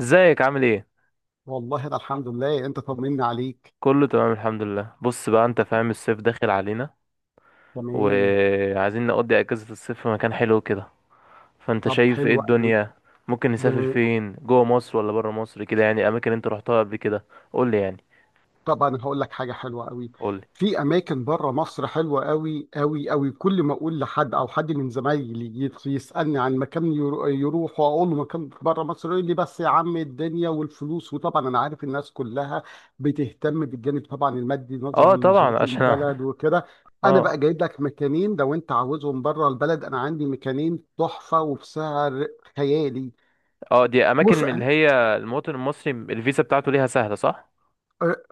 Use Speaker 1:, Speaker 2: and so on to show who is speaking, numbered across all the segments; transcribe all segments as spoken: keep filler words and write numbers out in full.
Speaker 1: ازيك؟ عامل ايه؟
Speaker 2: والله، ده الحمد لله، انت طمني عليك.
Speaker 1: كله تمام الحمد لله. بص بقى، انت فاهم الصيف داخل علينا
Speaker 2: تمام.
Speaker 1: وعايزين نقضي اجازة الصيف في مكان حلو كده. فانت
Speaker 2: طب
Speaker 1: شايف ايه
Speaker 2: حلو قوي.
Speaker 1: الدنيا؟ ممكن نسافر
Speaker 2: ده
Speaker 1: فين، جوه مصر ولا بره مصر؟ كده يعني اماكن انت رحتها قبل كده، قول لي يعني
Speaker 2: طب انا هقول لك حاجه حلوه قوي.
Speaker 1: قول لي.
Speaker 2: في اماكن بره مصر حلوه قوي قوي قوي. كل ما اقول لحد او حد من زمايلي يت- يسالني عن مكان يرو- يروح واقول له مكان بره مصر، يقول لي بس يا عم، الدنيا والفلوس. وطبعا انا عارف الناس كلها بتهتم بالجانب طبعا المادي
Speaker 1: اه
Speaker 2: نظرا
Speaker 1: طبعا
Speaker 2: لظروف
Speaker 1: عشان
Speaker 2: البلد وكده. انا
Speaker 1: اه.
Speaker 2: بقى جايب لك مكانين لو انت عاوزهم بره البلد. انا عندي مكانين تحفه وبسعر خيالي.
Speaker 1: اه، دي اماكن
Speaker 2: وف...
Speaker 1: من اللي هي المواطن المصري الفيزا بتاعته ليها سهلة، صح؟
Speaker 2: آه،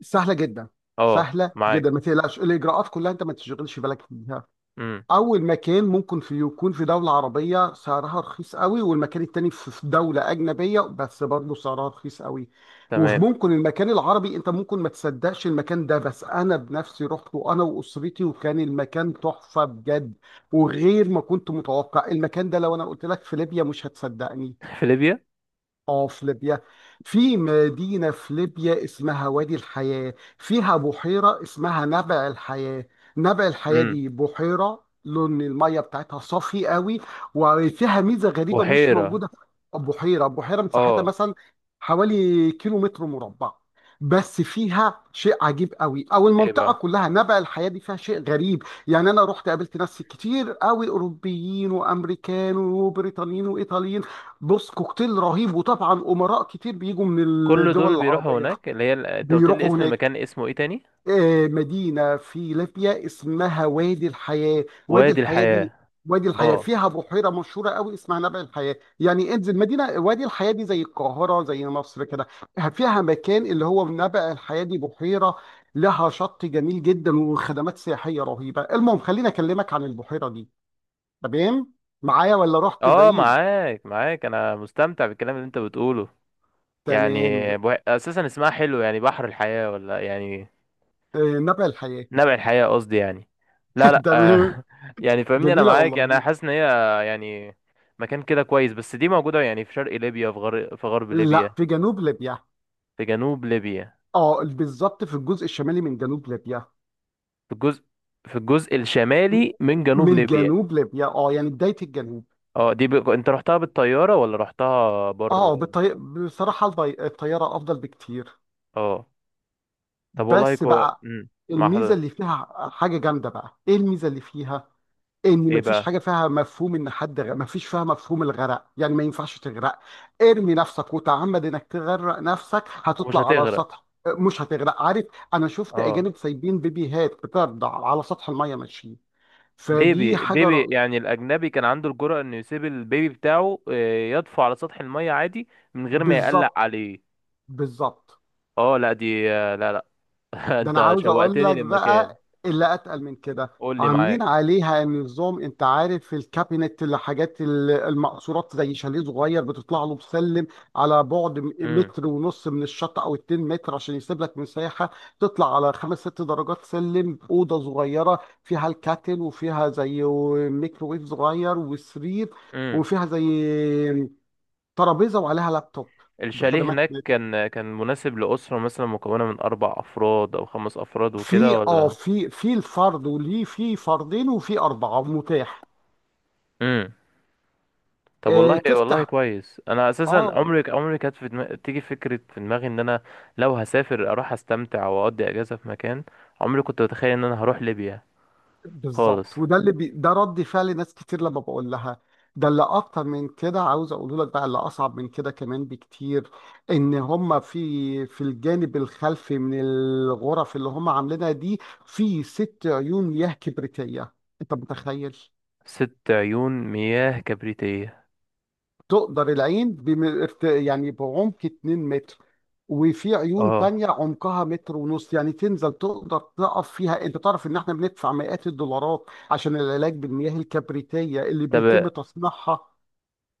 Speaker 2: سهله جدا.
Speaker 1: اه،
Speaker 2: سهله
Speaker 1: معاك.
Speaker 2: جدا، ما تقلقش، الاجراءات كلها انت ما تشغلش بالك بيها.
Speaker 1: امم
Speaker 2: اول مكان ممكن في يكون في دوله عربيه سعرها رخيص قوي، والمكان التاني في في دوله اجنبيه بس برضه سعرها رخيص قوي.
Speaker 1: تمام.
Speaker 2: وممكن المكان العربي انت ممكن ما تصدقش المكان ده، بس انا بنفسي رحت وانا واسرتي وكان المكان تحفه بجد وغير ما كنت متوقع. المكان ده لو انا قلت لك في ليبيا مش هتصدقني.
Speaker 1: في ليبيا؟
Speaker 2: اه، في ليبيا. في مدينة في ليبيا اسمها وادي الحياة، فيها بحيرة اسمها نبع الحياة. نبع الحياة
Speaker 1: امم
Speaker 2: دي بحيرة لون المية بتاعتها صافي قوي، وفيها ميزة غريبة مش
Speaker 1: بحيرة.
Speaker 2: موجودة في بحيرة بحيرة. مساحتها
Speaker 1: اه.
Speaker 2: مثلا حوالي كيلو متر مربع، بس فيها شيء عجيب قوي. او
Speaker 1: ايه
Speaker 2: المنطقه
Speaker 1: بقى؟
Speaker 2: كلها، نبع الحياه دي، فيها شيء غريب. يعني انا رحت قابلت ناس كتير قوي، اوروبيين وامريكان وبريطانيين وايطاليين. بص، كوكتيل رهيب. وطبعا امراء كتير بيجوا من
Speaker 1: كل
Speaker 2: الدول
Speaker 1: دول بيروحوا
Speaker 2: العربيه
Speaker 1: هناك؟ اللي هي ال- انت قلت لي
Speaker 2: بيروحوا
Speaker 1: اسم
Speaker 2: هناك.
Speaker 1: المكان اسمه ايه تاني؟
Speaker 2: آه، مدينه في ليبيا اسمها وادي الحياه. وادي
Speaker 1: وادي
Speaker 2: الحياه دي،
Speaker 1: الحياة.
Speaker 2: وادي الحياه
Speaker 1: اه،
Speaker 2: فيها بحيره مشهوره قوي اسمها نبع الحياه. يعني انزل مدينه وادي الحياه دي زي القاهره، زي مصر كده. فيها مكان اللي هو نبع الحياه، دي بحيره لها شط جميل جدا وخدمات سياحيه رهيبه. المهم، خليني اكلمك عن البحيره دي. تمام، معايا ولا رحت
Speaker 1: اه
Speaker 2: بعيد؟
Speaker 1: معاك، معاك، انا مستمتع بالكلام اللي انت بتقوله يعني
Speaker 2: تمام.
Speaker 1: بو... اساسا اسمها حلو، يعني بحر الحياة ولا يعني
Speaker 2: آه، نبع الحياه.
Speaker 1: نبع الحياة قصدي يعني لا لا
Speaker 2: تمام.
Speaker 1: آه، يعني فاهمني، انا
Speaker 2: جميله
Speaker 1: معاك،
Speaker 2: والله
Speaker 1: يعني انا
Speaker 2: العظيم.
Speaker 1: حاسس ان هي يعني مكان كده كويس. بس دي موجودة يعني في شرق ليبيا، في غرب، في غرب ليبيا؟
Speaker 2: لا، في جنوب ليبيا.
Speaker 1: في جنوب ليبيا؟
Speaker 2: اه بالظبط، في الجزء الشمالي من جنوب ليبيا.
Speaker 1: في الجزء في الجزء الشمالي من جنوب
Speaker 2: من
Speaker 1: ليبيا.
Speaker 2: جنوب ليبيا، اه، يعني بدايه الجنوب.
Speaker 1: اه، دي ب... انت رحتها بالطيارة ولا رحتها بر؟
Speaker 2: اه، بالطي... بصراحه البي... الطياره افضل بكتير.
Speaker 1: اه. طب والله
Speaker 2: بس
Speaker 1: كو...
Speaker 2: بقى
Speaker 1: مم. مع
Speaker 2: الميزه اللي
Speaker 1: حضرتك.
Speaker 2: فيها حاجه جامده. بقى ايه الميزه اللي فيها؟ ان
Speaker 1: ايه
Speaker 2: مفيش
Speaker 1: بقى؟
Speaker 2: حاجه فيها مفهوم، ان حد غ... مفيش فيها مفهوم الغرق. يعني ما ينفعش تغرق. ارمي نفسك وتعمد انك تغرق نفسك،
Speaker 1: ومش
Speaker 2: هتطلع على
Speaker 1: هتغرق؟
Speaker 2: سطح، مش هتغرق، عارف؟ انا شفت
Speaker 1: اه،
Speaker 2: اجانب سايبين بيبيهات بترضع على سطح الميه ماشيين. فدي
Speaker 1: بيبي
Speaker 2: حاجه
Speaker 1: بيبي،
Speaker 2: ر...
Speaker 1: يعني الاجنبي كان عنده الجرأة انه يسيب البيبي بتاعه، آه، يطفو على سطح المية عادي من غير ما يقلق
Speaker 2: بالظبط.
Speaker 1: عليه.
Speaker 2: بالظبط.
Speaker 1: اه لا دي آه، لا لا.
Speaker 2: ده انا
Speaker 1: انت
Speaker 2: عاوز اقول
Speaker 1: شوقتني
Speaker 2: لك
Speaker 1: للمكان.
Speaker 2: بقى اللي اتقل من كده.
Speaker 1: قول لي،
Speaker 2: عاملين
Speaker 1: معاك.
Speaker 2: عليها نظام، انت عارف في الكابينت، الحاجات ال- المقصورات، زي شاليه صغير بتطلع له بسلم على بعد م-
Speaker 1: امم
Speaker 2: متر ونص من الشط او اتنين متر عشان يسيب لك مساحه. تطلع على خمس ست درجات سلم، اوضه صغيره فيها الكاتل وفيها زي ميكروويف صغير وسرير،
Speaker 1: امم
Speaker 2: وفيها زي ترابيزه وعليها لابتوب.
Speaker 1: الشاليه
Speaker 2: بخدمات.
Speaker 1: هناك كان، كان مناسب لأسرة مثلا مكونة من أربع أفراد أو خمس أفراد وكده
Speaker 2: في اه
Speaker 1: ولا؟
Speaker 2: في في الفرد وليه، في فردين، وفي أربعة متاح.
Speaker 1: امم طب
Speaker 2: آه
Speaker 1: والله والله
Speaker 2: تفتح.
Speaker 1: كويس. انا اساسا
Speaker 2: اه
Speaker 1: عمري عمري كانت في دماغي، تيجي فكره في دماغي ان انا لو هسافر اروح استمتع واقضي اجازه في مكان، عمري كنت اتخيل ان انا هروح ليبيا خالص.
Speaker 2: بالظبط. وده اللي بي ده رد فعل ناس كتير لما بقول لها. ده اللي أكتر من كده، عاوز أقول لك بقى اللي أصعب من كده كمان بكتير. إن هم في في الجانب الخلفي من الغرف اللي هم عاملينها دي، في ست عيون ياه كبريتية. أنت متخيل؟
Speaker 1: ست عيون مياه كبريتيه؟
Speaker 2: تقدر العين بم... ارت- يعني بعمق اتنين متر، وفي عيون
Speaker 1: اه.
Speaker 2: تانية عمقها متر ونص، يعني تنزل تقدر تقف فيها. انت تعرف ان احنا بندفع مئات الدولارات عشان العلاج بالمياه الكبريتية اللي بيتم
Speaker 1: طب
Speaker 2: تصنيعها.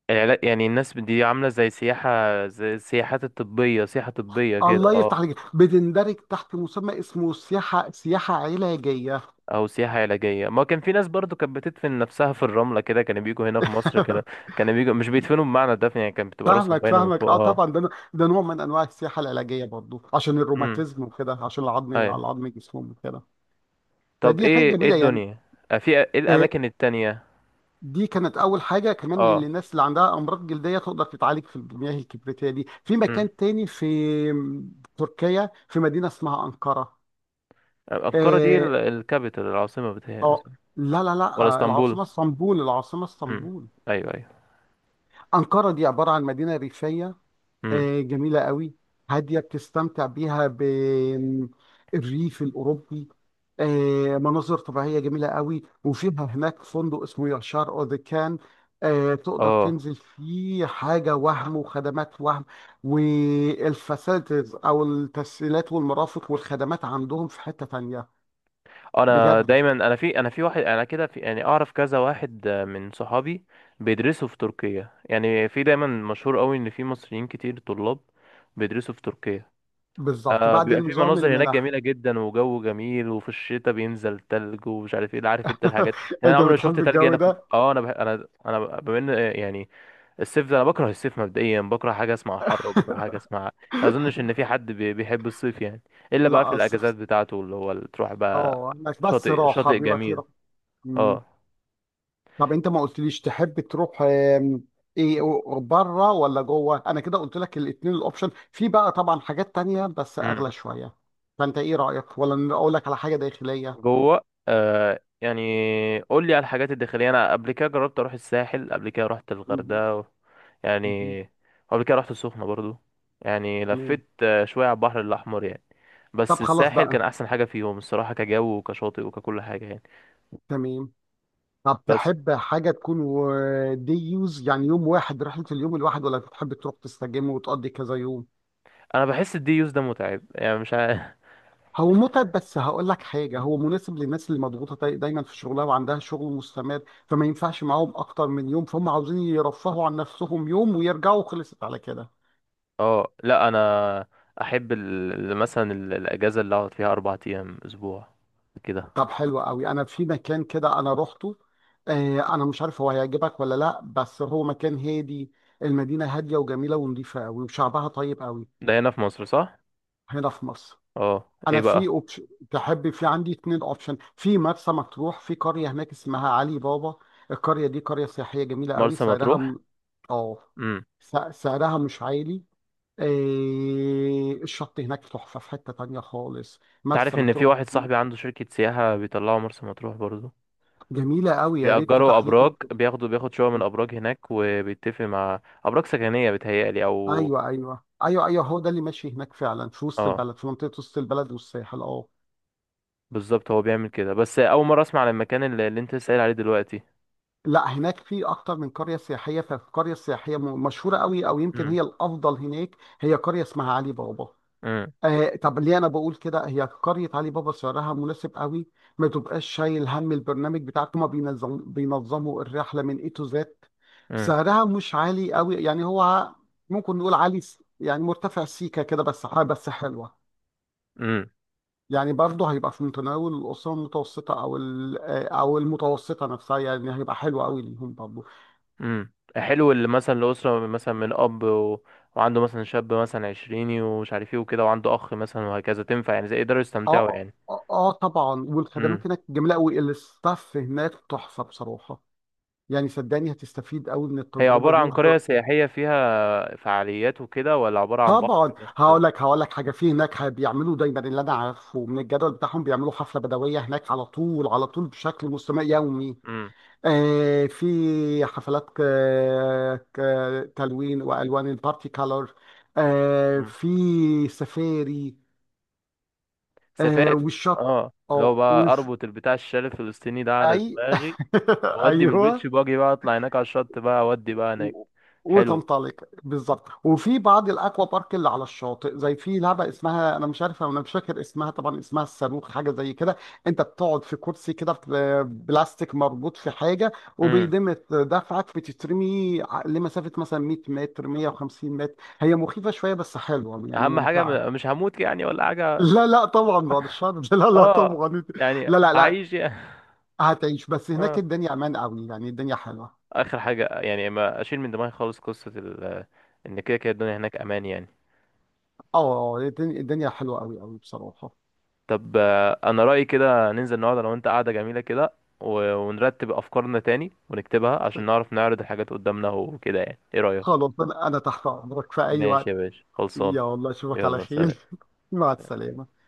Speaker 1: العلا- يعني الناس دي عامله زي سياحه، زي السياحات الطبيه، سياحه طبيه كده.
Speaker 2: الله يفتح
Speaker 1: اه،
Speaker 2: عليك. بتندرج تحت مسمى اسمه سياحة سياحة علاجية.
Speaker 1: او سياحه علاجيه. ما كان في ناس برضو كانت بتدفن نفسها في الرمله كده، كانوا بيجوا هنا في مصر كده. كانوا بيجوا، مش بيدفنوا بمعنى الدفن، يعني كانت بتبقى راسهم
Speaker 2: فاهمك
Speaker 1: باينه من
Speaker 2: فاهمك،
Speaker 1: فوق.
Speaker 2: اه
Speaker 1: اه.
Speaker 2: طبعا. ده ده نوع من انواع السياحة العلاجية برضو عشان
Speaker 1: امم
Speaker 2: الروماتيزم وكده، عشان العظم
Speaker 1: أيوه.
Speaker 2: على عظم جسمهم وكده.
Speaker 1: طب
Speaker 2: فدي حاجة
Speaker 1: ايه، ايه
Speaker 2: جميلة يعني.
Speaker 1: الدنيا؟ آه، في ايه
Speaker 2: آه،
Speaker 1: الاماكن التانية؟
Speaker 2: دي كانت اول حاجه. كمان،
Speaker 1: اه.
Speaker 2: للناس اللي عندها امراض جلديه، تقدر تتعالج في المياه الكبريتيه دي. في
Speaker 1: امم
Speaker 2: مكان تاني في تركيا، في مدينه اسمها انقره.
Speaker 1: انقرة دي ال-
Speaker 2: اه.
Speaker 1: الكابيتال، العاصمة بتاعها؟
Speaker 2: آه، لا لا لا،
Speaker 1: ولا
Speaker 2: آه،
Speaker 1: اسطنبول؟
Speaker 2: العاصمه اسطنبول. العاصمه
Speaker 1: امم
Speaker 2: اسطنبول.
Speaker 1: ايوه، ايوه.
Speaker 2: انقره دي عباره عن مدينه ريفيه،
Speaker 1: امم
Speaker 2: آه، جميلة قوي، هادية، بتستمتع بيها بالريف الأوروبي. آه، مناظر طبيعية جميلة قوي، وفيها هناك فندق اسمه ياشار أو ذا كان. آه، تقدر
Speaker 1: اه.
Speaker 2: تنزل فيه حاجة وهم، وخدمات وهم، والفاسيلتيز أو التسهيلات والمرافق والخدمات عندهم في حتة تانية.
Speaker 1: انا
Speaker 2: بجد.
Speaker 1: دايما انا في انا في واحد انا كده في يعني اعرف كذا واحد، آه، من صحابي بيدرسوا في تركيا، يعني في دايما مشهور قوي ان في مصريين كتير طلاب بيدرسوا في تركيا.
Speaker 2: بالظبط،
Speaker 1: آه،
Speaker 2: بعد
Speaker 1: بيبقى في
Speaker 2: نظام
Speaker 1: مناظر هناك
Speaker 2: المنح.
Speaker 1: جميلة جدا وجو جميل، وفي الشتاء بينزل تلج ومش عارف ايه. عارف انت الحاجات، يعني انا
Speaker 2: أنت
Speaker 1: عمري ما شفت
Speaker 2: بتحب
Speaker 1: تلج
Speaker 2: الجو
Speaker 1: هنا في م-
Speaker 2: ده؟
Speaker 1: اه، انا بح... انا انا ب- بما ان آه، يعني الصيف ده، انا بكره الصيف مبدئيا. بكره حاجة اسمها حر، وبكره حاجة اسمها، ما اظنش ان في حد بي... بيحب الصيف يعني، الا بقى في
Speaker 2: لا،
Speaker 1: الاجازات
Speaker 2: الصيف،
Speaker 1: بتاعته اللي هو اللي تروح بقى.
Speaker 2: اه، هناك بس
Speaker 1: شاطئ،
Speaker 2: راحة
Speaker 1: شاطئ
Speaker 2: بيبقى
Speaker 1: جميل.
Speaker 2: فيه. مم.
Speaker 1: اه.
Speaker 2: طب انت ما قلتليش تحب تروح، آم، ايه؟ بره ولا جوه؟ انا كده قلت لك الاثنين. الاوبشن في بقى طبعا حاجات تانية بس اغلى شوية. فانت ايه رأيك؟ ولا اقول لك على حاجة داخلية؟
Speaker 1: جوه. آه يعني قول لي على الحاجات الداخليه. انا قبل كده جربت اروح الساحل، قبل كده رحت
Speaker 2: مم.
Speaker 1: الغردقه و...
Speaker 2: مم.
Speaker 1: يعني، قبل كده رحت السخنه برضو، يعني
Speaker 2: مم.
Speaker 1: لفيت آه، شويه على البحر الاحمر يعني.
Speaker 2: طب
Speaker 1: بس
Speaker 2: خلاص
Speaker 1: الساحل كان
Speaker 2: بقى.
Speaker 1: احسن حاجه فيهم الصراحه، كجو وكشاطئ وككل حاجه يعني.
Speaker 2: تمام. طب
Speaker 1: بس
Speaker 2: تحب حاجة تكون دي يوز، يعني يوم واحد، رحلة اليوم الواحد، ولا تحب تروح تستجم وتقضي كذا يوم؟
Speaker 1: انا بحس الدي يوز ده متعب، يعني مش عارف.
Speaker 2: هو متعب، بس هقول لك حاجة، هو مناسب للناس اللي مضغوطة داي- دايما في شغلها وعندها شغل مستمر، فما ينفعش معاهم أكتر من يوم، فهم عاوزين يرفهوا عن نفسهم يوم ويرجعوا، خلصت على كده.
Speaker 1: اه لا، انا احب ال... ال- مثلا ال- الاجازه اللي اقعد فيها اربع ايام، اسبوع كده.
Speaker 2: طب حلو قوي. أنا في مكان كده أنا روحته. آه، أنا مش عارف هو هيعجبك ولا لأ، بس هو مكان هادي. المدينة هادية وجميلة ونظيفة قوي وشعبها طيب قوي.
Speaker 1: ده هنا في مصر، صح؟
Speaker 2: هنا في مصر.
Speaker 1: اه، ايه
Speaker 2: انا
Speaker 1: بقى؟
Speaker 2: في اوبشن، تحب، في عندي اتنين اوبشن. في مرسى مطروح، في قريه هناك اسمها علي بابا. القريه دي قريه سياحيه جميله قوي،
Speaker 1: مرسى
Speaker 2: سعرها
Speaker 1: مطروح؟
Speaker 2: م... اه س- سعرها مش عالي. إيه... الشط هناك تحفه. في حته تانية خالص، مرسى
Speaker 1: تعرف ان في
Speaker 2: مطروح
Speaker 1: واحد
Speaker 2: دي
Speaker 1: صاحبي عنده شركة سياحة بيطلعوا مرسى مطروح برضه،
Speaker 2: جميله قوي، يا ريت
Speaker 1: بيأجروا
Speaker 2: تتاح ليك
Speaker 1: أبراج،
Speaker 2: الفرصة.
Speaker 1: بياخدوا، بياخد شقة من أبراج هناك، وبيتفق مع أبراج سكنية، بتهيألي أو
Speaker 2: ايوه ايوه ايوه ايوه، هو ده اللي ماشي هناك فعلا، في وسط
Speaker 1: اه،
Speaker 2: البلد، في منطقه وسط البلد والساحل، اه.
Speaker 1: بالظبط هو بيعمل كده. بس أول مرة أسمع عن المكان اللي, اللي أنت سائل عليه دلوقتي.
Speaker 2: لا، هناك في اكتر من قريه سياحيه، فالقريه السياحيه م- مشهوره قوي، او يمكن
Speaker 1: امم
Speaker 2: هي الافضل هناك، هي قريه اسمها علي بابا.
Speaker 1: امم
Speaker 2: آه طب ليه انا بقول كده؟ هي قريه علي بابا سعرها مناسب قوي. ما تبقاش شايل هم، البرنامج بتاعك هما بينظم بينظموا الرحله من اي تو زد.
Speaker 1: امم
Speaker 2: سعرها مش عالي قوي، يعني هو ممكن نقول عالي س- يعني مرتفع سيكه كده، بس ح- بس حلوه.
Speaker 1: امم
Speaker 2: يعني برضه هيبقى في متناول الاسره المتوسطه، او ال- آه، او المتوسطه نفسها، يعني هيبقى حلو قوي ليهم برضه.
Speaker 1: امم حلو. اللي مثلا الأسرة مثلا من أب و... وعنده مثلا شاب مثلا عشريني ومش عارف ايه وكده، وعنده أخ مثلا وهكذا، تنفع يعني زي يقدروا يستمتعوا
Speaker 2: اه،
Speaker 1: يعني؟
Speaker 2: اه، آه طبعا،
Speaker 1: امم
Speaker 2: والخدمات هناك جميله قوي، الستاف هناك تحفه بصراحه. يعني صدقني هتستفيد قوي من
Speaker 1: هي
Speaker 2: التجربه
Speaker 1: عبارة
Speaker 2: دي
Speaker 1: عن
Speaker 2: وهت...
Speaker 1: قرية سياحية فيها فعاليات وكده، ولا عبارة عن
Speaker 2: طبعا.
Speaker 1: بحر بس؟
Speaker 2: هقول لك هقول لك حاجه. في هناك، ه- بيعملوا دايما، اللي انا عارفه من الجدول بتاعهم، بيعملوا حفله بدويه هناك على طول على طول، بشكل مستمر يومي.
Speaker 1: امم
Speaker 2: آه في حفلات ك... ك... تلوين والوان، البارتي كالر. آه
Speaker 1: امم
Speaker 2: في سفاري. آه
Speaker 1: سفاري.
Speaker 2: والشط.
Speaker 1: اه، لو
Speaker 2: اه
Speaker 1: بقى
Speaker 2: وفي
Speaker 1: اربط البتاع، الشال الفلسطيني ده على
Speaker 2: اي
Speaker 1: دماغي، وادي بالبيتش،
Speaker 2: ايوه.
Speaker 1: باجي بقى اطلع هناك على الشط بقى، اودي بقى هناك.
Speaker 2: و-
Speaker 1: حلو.
Speaker 2: وتنطلق. بالظبط. وفي بعض الاكوا بارك اللي على الشاطئ، زي في لعبه اسمها، انا مش عارف، انا مش فاكر اسمها، طبعا اسمها الصاروخ، حاجه زي كده. انت بتقعد في كرسي كده في بلاستيك مربوط في حاجه،
Speaker 1: امم
Speaker 2: وبيدمة دفعك بتترمي ع- لمسافه مثلا مية متر مائة وخمسين متر. هي مخيفه شويه بس حلوه يعني
Speaker 1: اهم حاجة م-
Speaker 2: ممتعه.
Speaker 1: مش هموت يعني، ولا حاجة؟
Speaker 2: لا لا طبعا، بعد الشر. لا لا
Speaker 1: اه
Speaker 2: طبعا.
Speaker 1: يعني
Speaker 2: لا لا لا،
Speaker 1: هعيش يعني.
Speaker 2: هتعيش، بس هناك
Speaker 1: اه.
Speaker 2: الدنيا امان قوي، يعني الدنيا حلوه.
Speaker 1: اخر حاجة، يعني ما اشيل من دماغي خالص قصة ال، ان كده كده الدنيا هناك امان يعني.
Speaker 2: اه الدنيا الدنيا حلوه قوي قوي بصراحه.
Speaker 1: طب آه، انا رأيي كده ننزل النهارده، لو انت قاعدة جميلة كده، و- ونرتب افكارنا تاني ونكتبها عشان نعرف نعرض الحاجات قدامنا وكده. يعني ايه رأيك؟
Speaker 2: خلاص، انا أنا تحت امرك في اي
Speaker 1: ماشي يا
Speaker 2: وقت.
Speaker 1: باشا، خلصانه.
Speaker 2: يا الله، اشوفك على
Speaker 1: يلا سلام.
Speaker 2: خير. مع السلامة.